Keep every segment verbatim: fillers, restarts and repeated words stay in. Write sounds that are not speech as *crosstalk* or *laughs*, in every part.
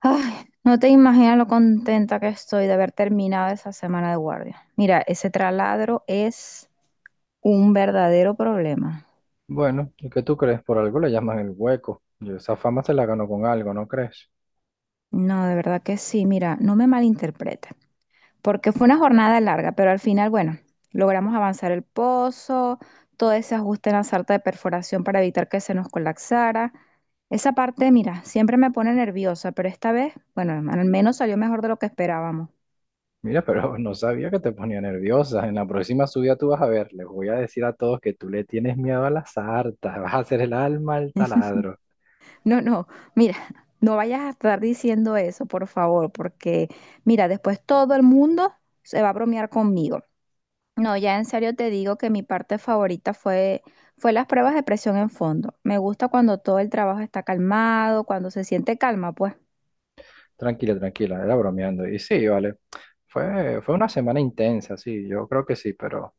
Ay, no te imaginas lo contenta que estoy de haber terminado esa semana de guardia. Mira, ese traladro es un verdadero problema. Bueno, ¿y qué tú crees? Por algo le llaman el hueco. Yo esa fama se la ganó con algo, ¿no crees? No, de verdad que sí. Mira, no me malinterpretes, porque fue una jornada larga, pero al final, bueno, logramos avanzar el pozo, todo ese ajuste en la sarta de perforación para evitar que se nos colapsara. Esa parte, mira, siempre me pone nerviosa, pero esta vez, bueno, al menos salió mejor de lo que esperábamos. Mira, pero *laughs* no sabía que te ponía nerviosa. En la próxima subida tú vas a ver, les voy a decir a todos que tú le tienes miedo a las hartas, vas a hacer el alma al taladro. No, no, mira, *laughs* no vayas a estar diciendo eso, por favor, porque mira, después todo el mundo se va a bromear conmigo. No, ya en serio te digo que mi parte favorita fue, fue las pruebas de presión en fondo. Me gusta cuando todo el trabajo está calmado, cuando se siente calma, pues. Tranquila, tranquila, era bromeando. Y sí, vale. Fue, fue una semana intensa, sí, yo creo que sí, pero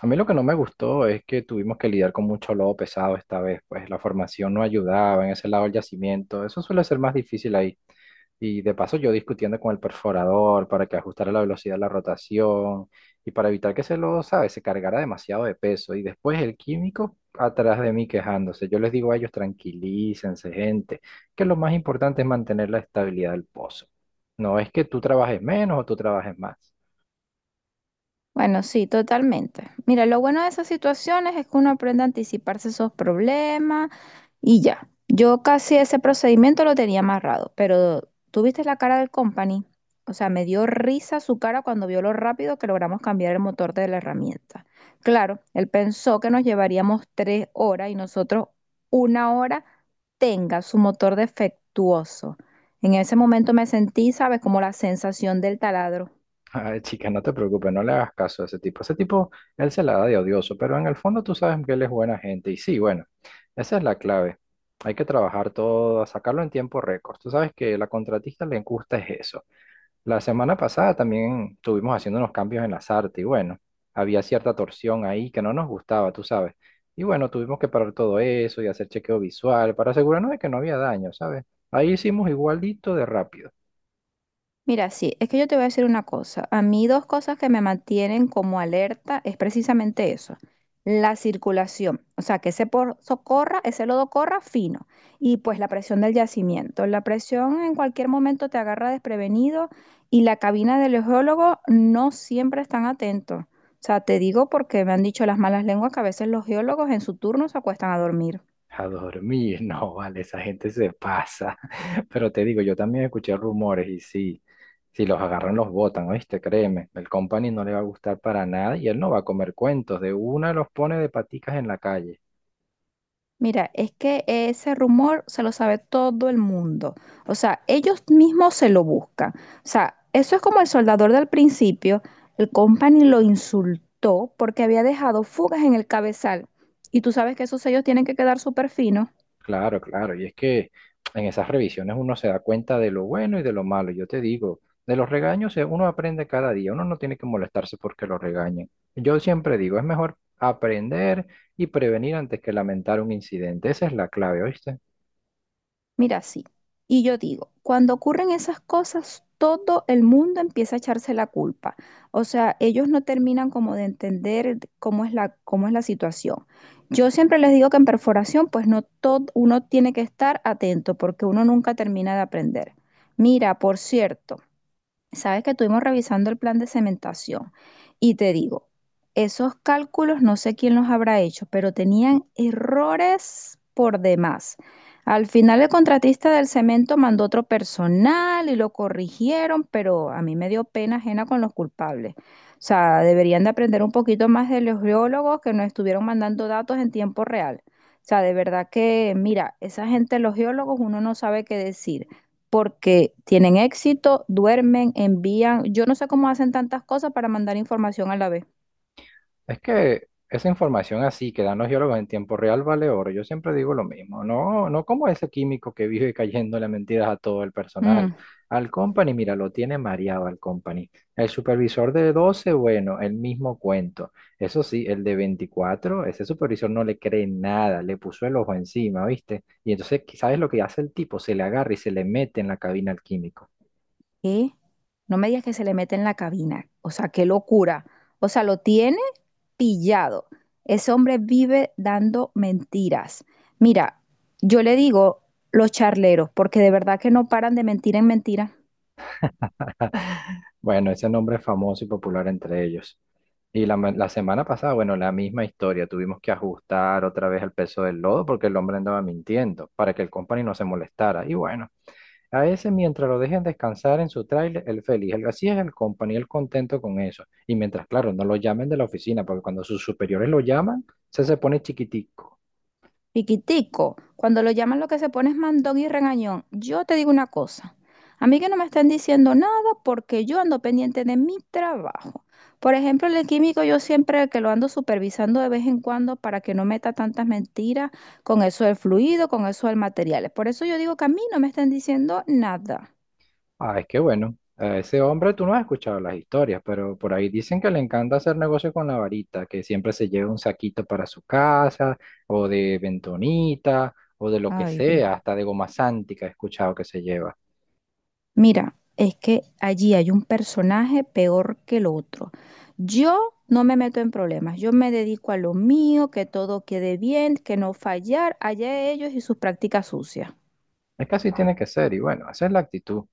a mí lo que no me gustó es que tuvimos que lidiar con mucho lodo pesado esta vez, pues la formación no ayudaba en ese lado del yacimiento, eso suele ser más difícil ahí. Y de paso yo discutiendo con el perforador para que ajustara la velocidad de la rotación y para evitar que ese lodo, ¿sabes? Se cargara demasiado de peso. Y después el químico atrás de mí quejándose. Yo les digo a ellos, tranquilícense, gente, que lo más importante es mantener la estabilidad del pozo. No es que tú trabajes menos o tú trabajes más. Bueno, sí, totalmente. Mira, lo bueno de esas situaciones es que uno aprende a anticiparse esos problemas. Y ya, yo casi ese procedimiento lo tenía amarrado, pero tuviste la cara del company. O sea, me dio risa su cara cuando vio lo rápido que logramos cambiar el motor de la herramienta. Claro, él pensó que nos llevaríamos tres horas y nosotros una hora tenga su motor defectuoso. En ese momento me sentí, ¿sabes? Como la sensación del taladro. *laughs* Ay, chica, no te preocupes, no le hagas caso a ese tipo. Ese tipo, él se la da de odioso, pero en el fondo tú sabes que él es buena gente. Y sí, bueno, esa es la clave. Hay que trabajar todo, sacarlo en tiempo récord. Tú sabes que la contratista le gusta es eso. La semana pasada también estuvimos haciendo unos cambios en las artes y bueno, había cierta torsión ahí que no nos gustaba, tú sabes. Y bueno, tuvimos que parar todo eso y hacer chequeo visual para asegurarnos de que no había daño, ¿sabes? Ahí hicimos igualito de rápido. Mira, sí, es que yo te voy a decir una cosa. A mí dos cosas que me mantienen como alerta es precisamente eso, la circulación, o sea, que ese pozo corra, ese lodo corra fino y pues la presión del yacimiento. La presión en cualquier momento te agarra desprevenido y la cabina del geólogo no siempre están atentos. O sea, te digo porque me han dicho las malas lenguas que a veces los geólogos en su turno se acuestan a dormir. A dormir, *laughs* no, vale, esa gente se pasa. *laughs* Pero te digo, yo también escuché rumores y sí, si los agarran los botan, ¿oíste? Créeme, el company no le va a gustar para nada y él no va a comer cuentos, de una los pone de paticas en la calle. Mira, es que ese rumor se lo sabe todo el mundo. O sea, ellos mismos se lo buscan. O sea, eso es como el soldador del principio. El company lo insultó porque había dejado fugas en el cabezal. Y tú sabes que esos sellos tienen que quedar súper finos. Claro, claro, y es que en esas revisiones uno se da cuenta de lo bueno y de lo malo. Yo te digo, de los regaños eh, uno aprende cada día, uno no tiene que molestarse porque lo regañen. Yo siempre digo, es mejor aprender y prevenir antes que lamentar un incidente. Esa es la clave, ¿oíste? Mira, sí. Y yo digo, cuando ocurren esas cosas, todo el mundo empieza a echarse la culpa. O sea, ellos no terminan como de entender de cómo es la, cómo es la situación. Yo siempre les digo que en perforación, pues no todo, uno tiene que estar atento porque uno nunca termina de aprender. Mira, por cierto. Sabes que estuvimos revisando el plan de cementación y te digo, esos cálculos no sé quién los habrá hecho, pero tenían errores por demás. Al final el contratista del cemento mandó otro personal y lo corrigieron, pero a mí me dio pena ajena con los culpables. O sea, deberían de aprender un poquito más de los geólogos que nos estuvieron mandando datos en tiempo real. O sea, de verdad que, mira, esa gente, los geólogos, uno no sabe qué decir porque tienen éxito, duermen, envían. Yo no sé cómo hacen tantas cosas para mandar información a la vez. Es que esa información así que dan los geólogos en tiempo real vale oro. Yo siempre digo lo mismo. No, no como ese químico que vive *laughs* cayéndole mentiras a todo el personal. Mm. Al company, mira, lo tiene mareado al company. El supervisor de doce, bueno, el mismo cuento. Eso sí, el de veinticuatro, ese supervisor no le cree nada, le puso el ojo encima, ¿viste? Y entonces, ¿sabes lo que hace el tipo? Se le agarra y se le mete en la cabina al químico. ¿Qué? No me digas que se le mete en la cabina. O sea, qué locura. O sea, lo tiene pillado. Ese hombre vive dando mentiras. Mira, yo le digo los charleros, porque de verdad que no paran de mentir en mentira. *laughs* Bueno, ese nombre es famoso y popular entre ellos. Y la, ma- la semana pasada, bueno, la misma historia. Tuvimos que ajustar otra vez el peso del lodo porque el hombre andaba mintiendo para que el company no se molestara. Y bueno, a ese, mientras lo dejen descansar en su tráiler, él feliz. El- así es el company, él contento con eso. Y mientras, claro, no lo llamen de la oficina, porque cuando sus superiores lo llaman, se se pone chiquitico. Piquitico, cuando lo llaman lo que se pone es mandón y regañón. Yo te digo una cosa, a mí que no me están diciendo nada porque yo ando pendiente de mi trabajo. Por ejemplo, el químico yo siempre que lo ando supervisando de vez en cuando para que no meta tantas mentiras con eso del fluido, con eso del material. Por eso yo digo que a mí no me están diciendo nada. Ah, es que bueno, a ese hombre tú no has escuchado las historias, pero por ahí dicen que le encanta hacer negocio con la varita, que siempre se lleva un saquito para su casa, o de bentonita, o de lo que Ay, Dios. sea, hasta de goma sántica he escuchado que se lleva. Mira, es que allí hay un personaje peor que el otro. Yo no me meto en problemas, yo me dedico a lo mío, que todo quede bien, que no fallar, allá ellos y sus prácticas sucias. Es que así tiene que ser, y bueno, esa es la actitud.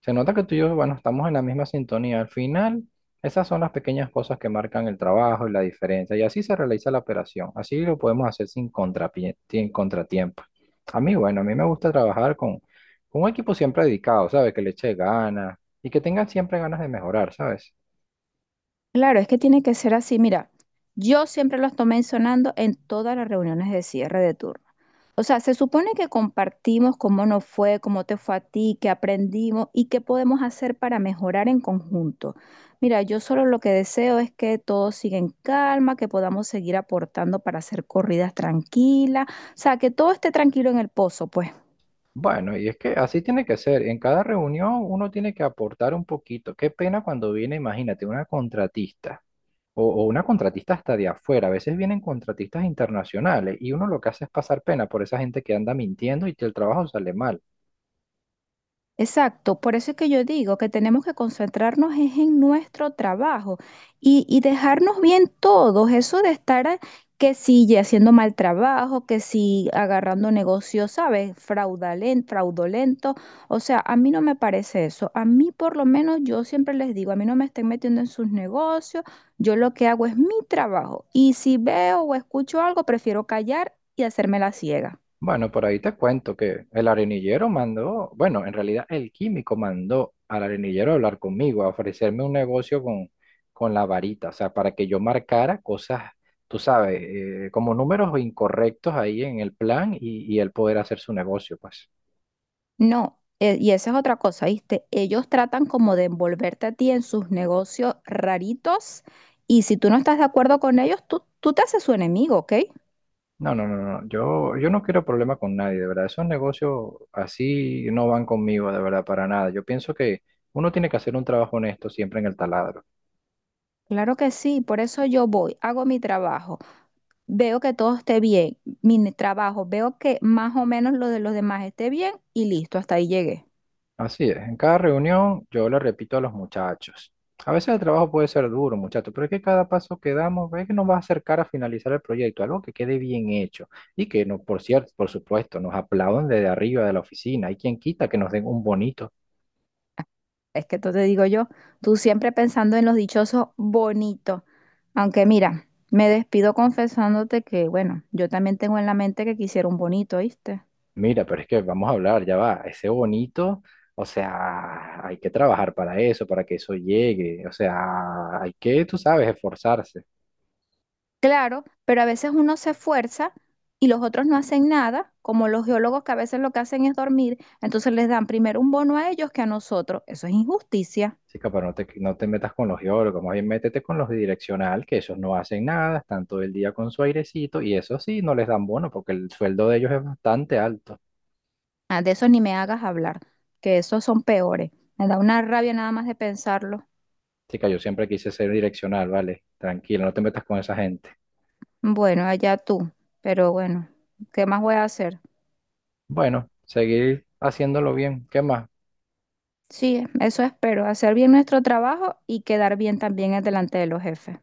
Se nota que tú y yo, bueno, estamos en la misma sintonía. Al final, esas son las pequeñas cosas que marcan el trabajo y la diferencia. Y así se realiza la operación. Así lo podemos hacer sin contrapie- sin contratiempo. A mí, bueno, a mí me gusta trabajar con, con un equipo siempre dedicado, ¿sabes? Que le eche ganas y que tengan siempre ganas de mejorar, ¿sabes? Claro, es que tiene que ser así. Mira, yo siempre los tomé entonando en todas las reuniones de cierre de turno. O sea, se supone que compartimos cómo nos fue, cómo te fue a ti, qué aprendimos y qué podemos hacer para mejorar en conjunto. Mira, yo solo lo que deseo es que todo siga en calma, que podamos seguir aportando para hacer corridas tranquilas, o sea, que todo esté tranquilo en el pozo, pues. Bueno, y es que así tiene que ser. En cada reunión uno tiene que aportar un poquito. Qué pena cuando viene, imagínate, una contratista. O, o una contratista hasta de afuera. A veces vienen contratistas internacionales y uno lo que hace es pasar pena por esa gente que anda mintiendo y que el trabajo sale mal. Exacto, por eso es que yo digo que tenemos que concentrarnos es en nuestro trabajo y, y dejarnos bien todos, eso de estar a- que si ya haciendo mal trabajo, que si agarrando negocios, ¿sabes? Fraudalen- fraudulento, o sea, a mí no me parece eso, a mí por lo menos yo siempre les digo, a mí no me estén metiendo en sus negocios, yo lo que hago es mi trabajo y si veo o escucho algo, prefiero callar y hacerme la ciega. Bueno, por ahí te cuento que el arenillero mandó, bueno, en realidad el químico mandó al arenillero a hablar conmigo, a ofrecerme un negocio con, con la varita, o sea, para que yo marcara cosas, tú sabes, eh, como números incorrectos ahí en el plan y, y él poder hacer su negocio, pues. No, eh, y esa es otra cosa, ¿viste? Ellos tratan como de envolverte a ti en sus negocios raritos y si tú no estás de acuerdo con ellos, tú, tú te haces su enemigo, ¿ok? No, no, no, no. Yo, yo no quiero problema con nadie, de verdad. Esos negocios así no van conmigo, de verdad, para nada. Yo pienso que uno tiene que hacer un trabajo honesto siempre en el taladro. Claro que sí, por eso yo voy, hago mi trabajo, veo que todo esté bien, mi ne- trabajo, veo que más o menos lo de los demás esté bien y listo, hasta ahí llegué. Así es. En cada reunión yo le repito a los muchachos. A veces el trabajo puede ser duro, muchachos, pero es que cada paso que damos es que nos va a acercar a finalizar el proyecto, algo que quede bien hecho y que, no, por cierto, por supuesto, nos aplaudan desde arriba de la oficina. Hay quien quita que nos den un bonito. Es que tú te digo yo, tú siempre pensando en los dichosos bonitos, aunque mira, me despido confesándote que, bueno, yo también tengo en la mente que quisiera un bonito, ¿viste? Mira, pero es que vamos a hablar, ya va, ese bonito, o sea, hay que trabajar para eso, para que eso llegue, o sea, hay que, tú sabes, esforzarse. Claro, pero a veces uno se esfuerza y los otros no hacen nada, como los geólogos que a veces lo que hacen es dormir, entonces les dan primero un bono a ellos que a nosotros. Eso es injusticia. Chica, pero no te, no te metas con los geólogos, más bien métete con los de direccional, que esos no hacen nada, están todo el día con su airecito, y eso sí, no les dan bono, porque el sueldo de ellos es bastante alto. Ah, de eso ni me hagas hablar, que esos son peores. Me da una rabia nada más de pensarlo. Chica, yo siempre quise ser direccional, vale, tranquilo, no te metas con esa gente. Bueno, allá tú, pero bueno, ¿qué más voy a hacer? Bueno, seguir haciéndolo bien, ¿qué más? Sí, eso espero, hacer bien nuestro trabajo y quedar bien también delante de los jefes.